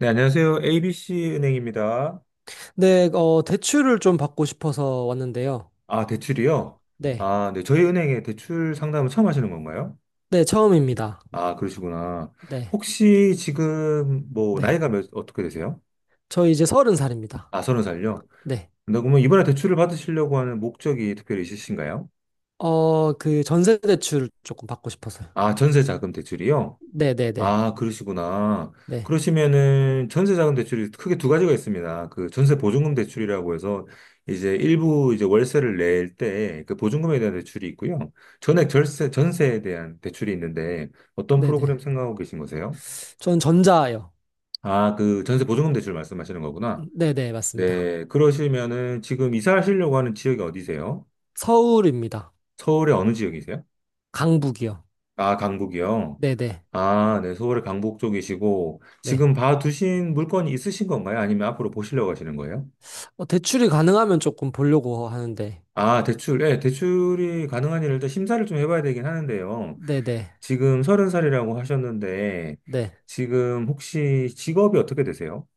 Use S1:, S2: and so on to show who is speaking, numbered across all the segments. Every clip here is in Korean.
S1: 네, 안녕하세요. ABC 은행입니다.
S2: 네, 대출을 좀 받고 싶어서 왔는데요.
S1: 아, 대출이요?
S2: 네.
S1: 아, 네. 저희 은행에 대출 상담을 처음 하시는 건가요?
S2: 네, 처음입니다.
S1: 아, 그러시구나.
S2: 네.
S1: 혹시 지금 뭐
S2: 네.
S1: 나이가 어떻게 되세요?
S2: 저 이제 서른 살입니다.
S1: 아, 30살요?
S2: 네.
S1: 근데 그러면 이번에 대출을 받으시려고 하는 목적이 특별히 있으신가요?
S2: 그 전세 대출 조금 받고 싶어서요.
S1: 아, 전세 자금 대출이요?
S2: 네, 네, 네.
S1: 아, 그러시구나.
S2: 네.
S1: 그러시면은 전세자금 대출이 크게 두 가지가 있습니다. 그 전세 보증금 대출이라고 해서 이제 일부 이제 월세를 낼 때 그 보증금에 대한 대출이 있고요. 전액 전세에 대한 대출이 있는데 어떤
S2: 네,
S1: 프로그램
S2: 네.
S1: 생각하고 계신 거세요?
S2: 전 전자요.
S1: 아, 그 전세 보증금 대출 말씀하시는 거구나.
S2: 네, 네, 맞습니다.
S1: 네, 그러시면은 지금 이사하시려고 하는 지역이 어디세요?
S2: 서울입니다.
S1: 서울의 어느 지역이세요?
S2: 강북이요.
S1: 아, 강북이요.
S2: 네, 네.
S1: 아, 네, 서울의 강북 쪽이시고,
S2: 네.
S1: 지금 봐두신 물건이 있으신 건가요? 아니면 앞으로 보시려고 하시는 거예요?
S2: 대출이 가능하면 조금 보려고 하는데.
S1: 아, 예, 대출이 가능한 일을 일단 심사를 좀 해봐야 되긴 하는데요.
S2: 네, 네.
S1: 지금 30살이라고 하셨는데,
S2: 네.
S1: 지금 혹시 직업이 어떻게 되세요?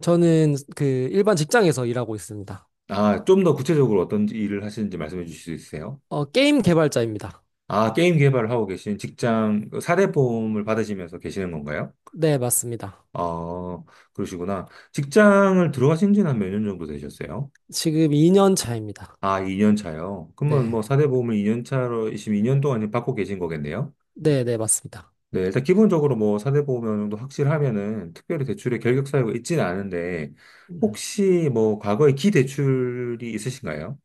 S2: 저는 그 일반 직장에서 일하고 있습니다.
S1: 아, 좀 더 구체적으로 어떤 일을 하시는지 말씀해 주실 수 있으세요?
S2: 게임 개발자입니다.
S1: 아, 게임 개발을 하고 계신 직장, 사대 보험을 받으시면서 계시는 건가요?
S2: 네, 맞습니다.
S1: 어, 그러시구나. 직장을 들어가신 지는 한 몇 년 정도 되셨어요?
S2: 지금 2년 차입니다.
S1: 아, 2년 차요. 그러면
S2: 네.
S1: 뭐 사대 보험을 2년 차로 지금 2년 동안 지금 받고 계신 거겠네요.
S2: 네, 네, 맞습니다.
S1: 네, 일단 기본적으로 뭐 사대 보험 어느 정도 확실하면은 특별히 대출의 결격 사유가 있지는 않은데
S2: 음.
S1: 혹시 뭐 과거에 기대출이 있으신가요?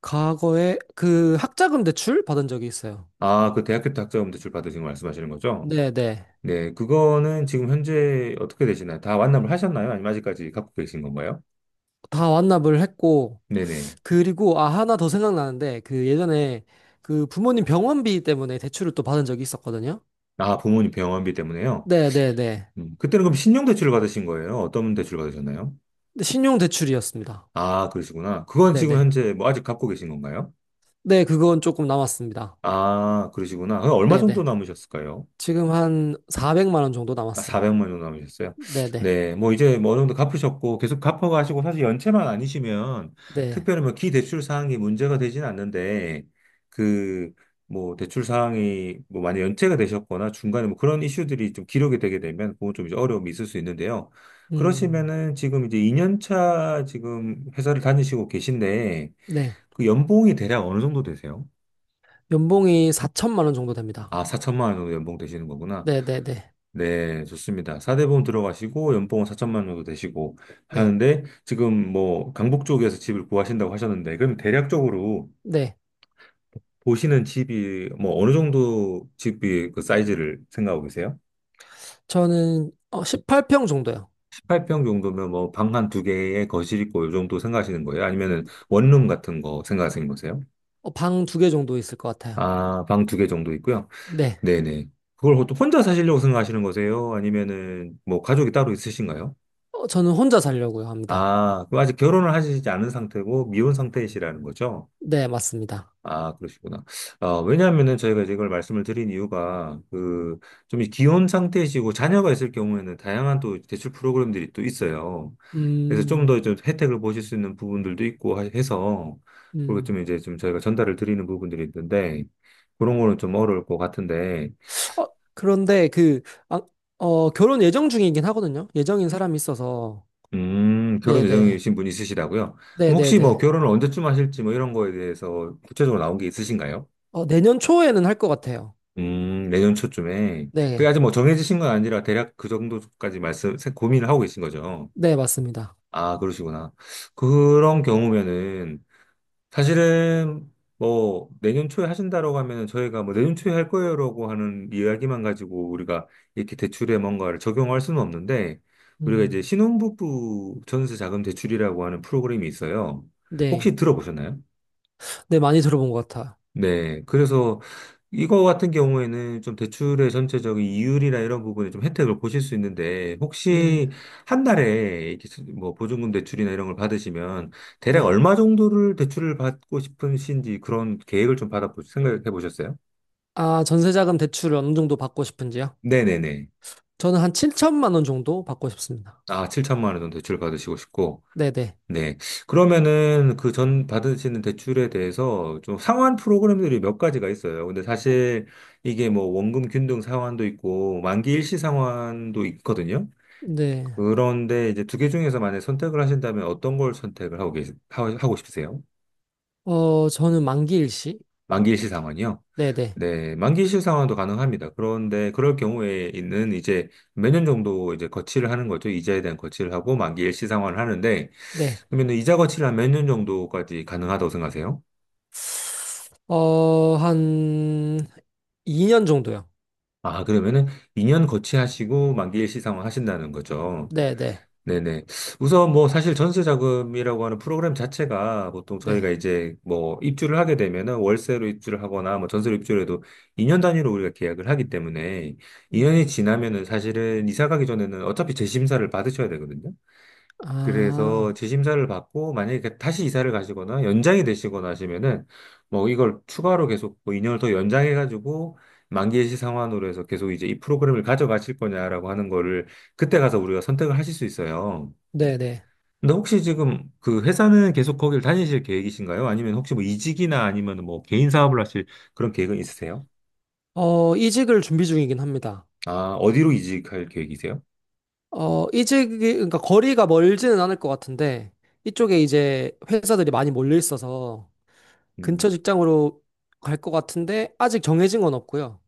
S2: 과거에 그 학자금 대출 받은 적이 있어요.
S1: 아, 그 대학교 때 학자금 대출 받으신 거 말씀하시는 거죠?
S2: 네, 네.
S1: 네, 그거는 지금 현재 어떻게 되시나요? 다 완납을 하셨나요? 아니면 아직까지 갖고 계신 건가요?
S2: 다 완납을 했고,
S1: 네네.
S2: 그리고, 아, 하나 더 생각나는데, 그 예전에 그 부모님 병원비 때문에 대출을 또 받은 적이 있었거든요.
S1: 아, 부모님 병원비 때문에요.
S2: 네, 네, 네.
S1: 그때는 그럼 신용대출을 받으신 거예요? 어떤 대출을 받으셨나요?
S2: 근데 신용 대출이었습니다.
S1: 아, 그러시구나. 그건
S2: 네,
S1: 지금
S2: 네.
S1: 현재 뭐 아직 갖고 계신 건가요?
S2: 네, 그건 조금 남았습니다.
S1: 아, 그러시구나. 그럼 얼마
S2: 네,
S1: 정도
S2: 네.
S1: 남으셨을까요?
S2: 지금 한 400만 원 정도
S1: 아,
S2: 남았어요.
S1: 400만 정도 남으셨어요?
S2: 네, 네.
S1: 네, 뭐 이제 뭐 어느 정도 갚으셨고 계속 갚아가시고 사실 연체만 아니시면
S2: 네.
S1: 특별히 뭐 기대출 사항이 문제가 되진 않는데 그 뭐 대출 사항이 뭐 만약 연체가 되셨거나 중간에 뭐 그런 이슈들이 좀 기록이 되게 되면 그건 좀 이제 어려움이 있을 수 있는데요.
S2: 음,
S1: 그러시면은 지금 이제 2년차 지금 회사를 다니시고 계신데
S2: 네.
S1: 그 연봉이 대략 어느 정도 되세요?
S2: 연봉이 4천만 원 정도 됩니다.
S1: 아, 4천만 원 정도 연봉 되시는 거구나.
S2: 네네네.
S1: 네, 좋습니다. 4대 보험 들어가시고 연봉은 4천만 원 정도 되시고
S2: 네.
S1: 하는데 지금 뭐 강북 쪽에서 집을 구하신다고 하셨는데 그럼 대략적으로
S2: 네.
S1: 보시는 집이 뭐 어느 정도 집이 그 사이즈를 생각하고 계세요?
S2: 저는 18평 정도요.
S1: 18평 정도면 뭐 방 한 두 개에 거실 있고 요 정도 생각하시는 거예요? 아니면은 원룸 같은 거 생각하시는 거세요?
S2: 방두 개 정도 있을 것 같아요.
S1: 아, 방 두 개 정도 있고요.
S2: 네.
S1: 네네. 그걸 또 혼자 사시려고 생각하시는 거세요? 아니면은 뭐 가족이 따로 있으신가요?
S2: 저는 혼자 살려고요 합니다.
S1: 아, 그럼 아직 결혼을 하시지 않은 상태고 미혼 상태이시라는 거죠?
S2: 네, 맞습니다.
S1: 아, 그러시구나. 왜냐하면은 저희가 이제 이걸 말씀을 드린 이유가 그 좀 기혼 상태이시고 자녀가 있을 경우에는 다양한 또 대출 프로그램들이 또 있어요. 그래서 좀 더
S2: 음,
S1: 좀 혜택을 보실 수 있는 부분들도 있고 해서 그리고
S2: 음.
S1: 좀 이제 좀 저희가 전달을 드리는 부분들이 있는데 그런 거는 좀 어려울 것 같은데
S2: 어, 그런데 그, 아, 결혼 예정 중이긴 하거든요. 예정인 사람이 있어서.
S1: 결혼
S2: 네네.
S1: 예정이신 분이 있으시다고요? 그럼 혹시 뭐
S2: 네네네.
S1: 결혼을 언제쯤 하실지 뭐 이런 거에 대해서 구체적으로 나온 게 있으신가요?
S2: 내년 초에는 할 것 같아요.
S1: 내년 초쯤에. 그게
S2: 네.
S1: 아직 뭐 정해지신 건 아니라 대략 그 정도까지 고민을 하고 계신 거죠.
S2: 네, 맞습니다.
S1: 아, 그러시구나. 그런 경우면은 사실은 뭐 내년 초에 하신다라고 하면은 저희가 뭐 내년 초에 할 거예요라고 하는 이야기만 가지고 우리가 이렇게 대출에 뭔가를 적용할 수는 없는데 우리가 이제
S2: 음,
S1: 신혼부부 전세 자금 대출이라고 하는 프로그램이 있어요. 혹시
S2: 네.
S1: 들어보셨나요?
S2: 네, 많이 들어본 것 같아요.
S1: 네. 그래서 이거 같은 경우에는 좀 대출의 전체적인 이율이나 이런 부분에 좀 혜택을 보실 수 있는데
S2: 네.
S1: 혹시 한 달에 이렇게 뭐 보증금 대출이나 이런 걸 받으시면 대략
S2: 네.
S1: 얼마 정도를 대출을 받고 싶으신지 그런 계획을 좀 받아 생각해 보셨어요?
S2: 아, 전세자금 대출을 어느 정도 받고 싶은지요?
S1: 네네네.
S2: 저는 한 7천만 원 정도 받고 싶습니다.
S1: 아, 7천만 원 정도 대출 받으시고 싶고
S2: 네네.
S1: 네. 그러면은 그 전 받으시는 대출에 대해서 좀 상환 프로그램들이 몇 가지가 있어요. 근데 사실 이게 뭐 원금 균등 상환도 있고 만기 일시 상환도 있거든요.
S2: 네.
S1: 그런데 이제 두 개 중에서 만약 선택을 하신다면 어떤 걸 선택을 하고 하고 싶으세요?
S2: 저는 만기일 시.
S1: 만기일시 상환이요?
S2: 네네.
S1: 네, 만기일시 상환도 가능합니다. 그런데 그럴 경우에는 있 이제 몇 년 정도 이제 거치를 하는 거죠. 이자에 대한 거치를 하고 만기일시 상환을 하는데
S2: 네.
S1: 그러면은 이자 거치를 한 몇 년 정도까지 가능하다고 생각하세요?
S2: 어, 한 2년 정도요.
S1: 아, 그러면은 2년 거치하시고 만기일시 상환 하신다는 거죠.
S2: 네네.
S1: 네네. 우선 뭐 사실 전세 자금이라고 하는 프로그램 자체가 보통
S2: 네.
S1: 저희가 이제 뭐 입주를 하게 되면은 월세로 입주를 하거나 뭐 전세로 입주를 해도 2년 단위로 우리가 계약을 하기 때문에 2년이
S2: 음,
S1: 지나면은 사실은 이사 가기 전에는 어차피 재심사를 받으셔야 되거든요.
S2: 아,
S1: 그래서 재심사를 받고 만약에 그 다시 이사를 가시거나 연장이 되시거나 하시면은 뭐 이걸 추가로 계속 뭐 2년을 더 연장해가지고 만기예시 상환으로 해서 계속 이제 이 프로그램을 가져가실 거냐라고 하는 거를 그때 가서 우리가 선택을 하실 수 있어요.
S2: 네네.
S1: 근데 혹시 지금 그 회사는 계속 거기를 다니실 계획이신가요? 아니면 혹시 뭐 이직이나 아니면 뭐 개인 사업을 하실 그런 계획은 있으세요?
S2: 이직을 준비 중이긴 합니다.
S1: 아, 어디로 이직할 계획이세요?
S2: 그러니까 거리가 멀지는 않을 것 같은데, 이쪽에 이제 회사들이 많이 몰려 있어서 근처
S1: 음,
S2: 직장으로 갈 것 같은데, 아직 정해진 건 없고요.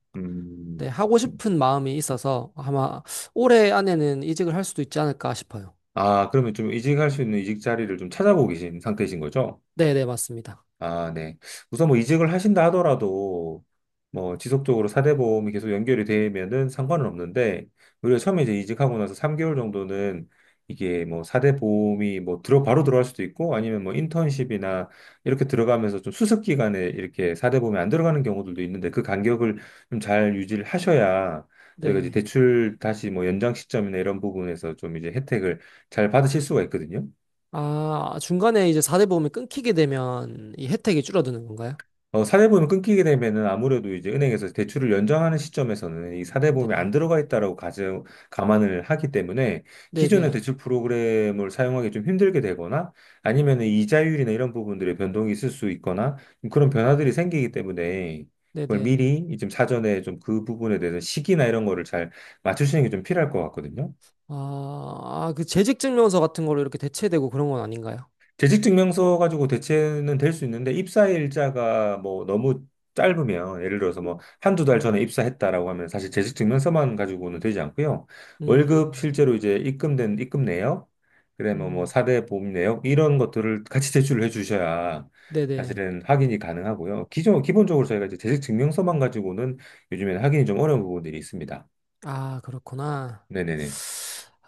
S2: 네,
S1: 음.
S2: 하고
S1: 음.
S2: 싶은 마음이 있어서 아마 올해 안에는 이직을 할 수도 있지 않을까 싶어요.
S1: 아, 그러면 좀 이직할 수 있는 이직 자리를 좀 찾아보고 계신 상태이신 거죠?
S2: 네, 네, 맞습니다.
S1: 아, 네. 우선 뭐 이직을 하신다 하더라도 뭐 지속적으로 사대보험이 계속 연결이 되면은 상관은 없는데 오히려 처음에 이제 이직하고 나서 3개월 정도는 이게 뭐 사대보험이 뭐 들어 바로 들어갈 수도 있고 아니면 뭐 인턴십이나 이렇게 들어가면서 좀 수습 기간에 이렇게 사대보험이 안 들어가는 경우들도 있는데 그 간격을 좀 잘 유지를 하셔야 저희가 이제
S2: 네.
S1: 대출 다시 뭐 연장 시점이나 이런 부분에서 좀 이제 혜택을 잘 받으실 수가 있거든요.
S2: 아, 중간에 이제 4대 보험이 끊기게 되면 이 혜택이 줄어드는 건가요?
S1: 사대보험이 끊기게 되면은 아무래도 이제 은행에서 대출을 연장하는 시점에서는 이 사대보험이 안
S2: 네,
S1: 들어가 있다라고 감안을 하기 때문에
S2: 네,
S1: 기존의
S2: 네.
S1: 대출 프로그램을 사용하기 좀 힘들게 되거나 아니면 이자율이나 이런 부분들의 변동이 있을 수 있거나 그런 변화들이
S2: 음,
S1: 생기기 때문에
S2: 네,
S1: 그걸
S2: 네.
S1: 미리 좀 사전에 좀 그 부분에 대해서 시기나 이런 거를 잘 맞추시는 게 좀 필요할 것 같거든요.
S2: 아, 아, 그 재직 증명서 같은 걸로 이렇게 대체되고 그런 건 아닌가요?
S1: 재직 증명서 가지고 대체는 될 수 있는데 입사 일자가 뭐 너무 짧으면 예를 들어서 뭐 한두 달
S2: 음,
S1: 전에 입사했다라고 하면 사실 재직 증명서만 가지고는 되지 않고요. 월급
S2: 음,
S1: 실제로 이제 입금된 입금 내역, 그다음에 뭐
S2: 음.
S1: 사대 보험 내역 이런 것들을 같이 제출을 해 주셔야
S2: 네, 네.
S1: 사실은 확인이 가능하고요. 기존 기본적으로 저희가 이제 재직 증명서만 가지고는 요즘에는 확인이 좀 어려운 부분들이 있습니다.
S2: 아, 그렇구나.
S1: 네네네.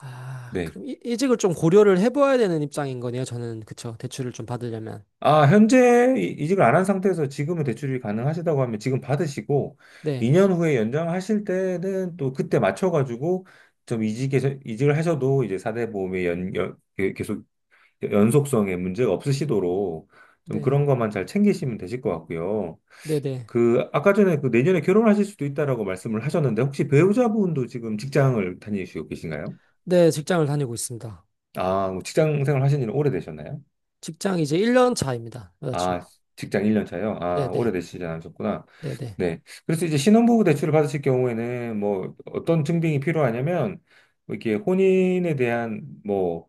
S2: 아,
S1: 네.
S2: 그럼 이직을 좀 고려를 해봐야 되는 입장인 거네요. 저는 그쵸. 대출을 좀 받으려면.
S1: 아, 현재 이직을 안 한 상태에서 지금은 대출이 가능하시다고 하면 지금 받으시고
S2: 네.
S1: 2년 후에 연장하실 때는 또 그때 맞춰가지고 좀 이직서 이직을 하셔도 이제 4대 보험의 계속 연속성에 문제가 없으시도록 좀
S2: 네,
S1: 그런 것만 잘 챙기시면 되실 것 같고요.
S2: 네네.
S1: 그 아까 전에 그 내년에 결혼하실 수도 있다라고 말씀을 하셨는데 혹시 배우자분도 지금 직장을 다니시고 계신가요?
S2: 네, 직장을 다니고 있습니다.
S1: 아, 뭐 직장 생활 하신 지는 오래되셨나요?
S2: 직장 이제 1년 차입니다.
S1: 아,
S2: 여자친구.
S1: 직장 1년 차요? 아,
S2: 네네,
S1: 오래되시지 않으셨구나.
S2: 네네,
S1: 네. 그래서 이제 신혼부부 대출을 받으실 경우에는 뭐 어떤 증빙이 필요하냐면 뭐 이게 혼인에 대한 뭐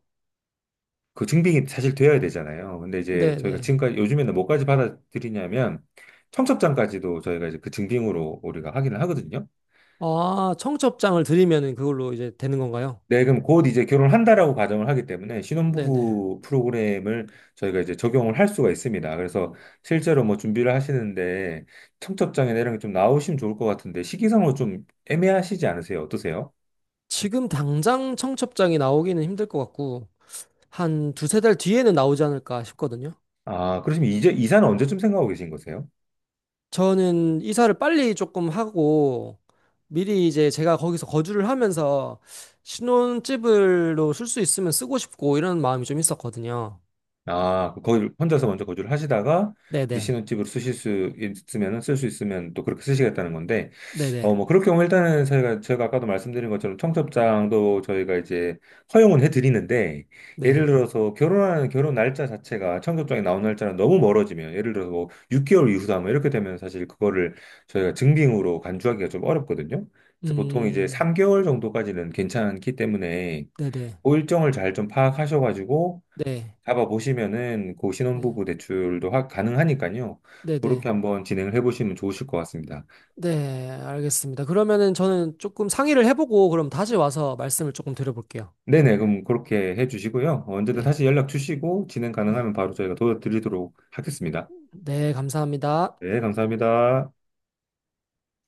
S1: 그 증빙이 사실 되어야 되잖아요. 근데 이제 저희가
S2: 네네.
S1: 지금까지 요즘에는 뭐까지 받아들이냐면 청첩장까지도 저희가 이제 그 증빙으로 우리가 확인을 하거든요.
S2: 아, 청첩장을 드리면은 그걸로 이제 되는 건가요?
S1: 네, 그럼 곧 이제 결혼한다라고 가정을 하기 때문에
S2: 네네.
S1: 신혼부부 프로그램을 저희가 이제 적용을 할 수가 있습니다. 그래서 실제로 뭐 준비를 하시는데 청첩장이나 이런 게 좀 나오시면 좋을 것 같은데 시기상으로 좀 애매하시지 않으세요? 어떠세요?
S2: 지금 당장 청첩장이 나오기는 힘들 것 같고, 한 두세 달 뒤에는 나오지 않을까 싶거든요.
S1: 아, 그러시면 이제 이사는 언제쯤 생각하고 계신 거세요?
S2: 저는 이사를 빨리 조금 하고, 미리 이제 제가 거기서 거주를 하면서 신혼집으로 쓸 수 있으면 쓰고 싶고, 이런 마음이 좀 있었거든요.
S1: 아, 거기 혼자서 먼저 거주를 하시다가 이제
S2: 네네,
S1: 신혼집으로 쓰실 수 있으면은 쓸 수 있으면 또 그렇게 쓰시겠다는 건데,
S2: 네네.
S1: 뭐 그럴 경우 일단은 저희가 제가 아까도 말씀드린 것처럼 청첩장도 저희가 이제 허용은 해드리는데, 예를
S2: 네.
S1: 들어서 결혼 날짜 자체가 청첩장에 나온 날짜랑 너무 멀어지면, 예를 들어서 뭐 6개월 이후다 뭐 이렇게 되면 사실 그거를 저희가 증빙으로 간주하기가 좀 어렵거든요. 그래서 보통 이제
S2: 음,
S1: 3개월 정도까지는 괜찮기 때문에.
S2: 네네.
S1: 그 일정을 잘 좀 파악하셔가지고
S2: 네.
S1: 잡아보시면은 그
S2: 네.
S1: 신혼부부 대출도 가능하니까요.
S2: 네네.
S1: 그렇게 한번 진행을 해보시면 좋으실 것 같습니다.
S2: 네, 알겠습니다. 그러면은 저는 조금 상의를 해보고 그럼 다시 와서 말씀을 조금 드려볼게요.
S1: 네네, 그럼 그렇게 해주시고요. 언제든
S2: 네.
S1: 다시 연락 주시고 진행
S2: 네.
S1: 가능하면 바로 저희가 도와드리도록 하겠습니다.
S2: 네, 감사합니다.
S1: 네, 감사합니다.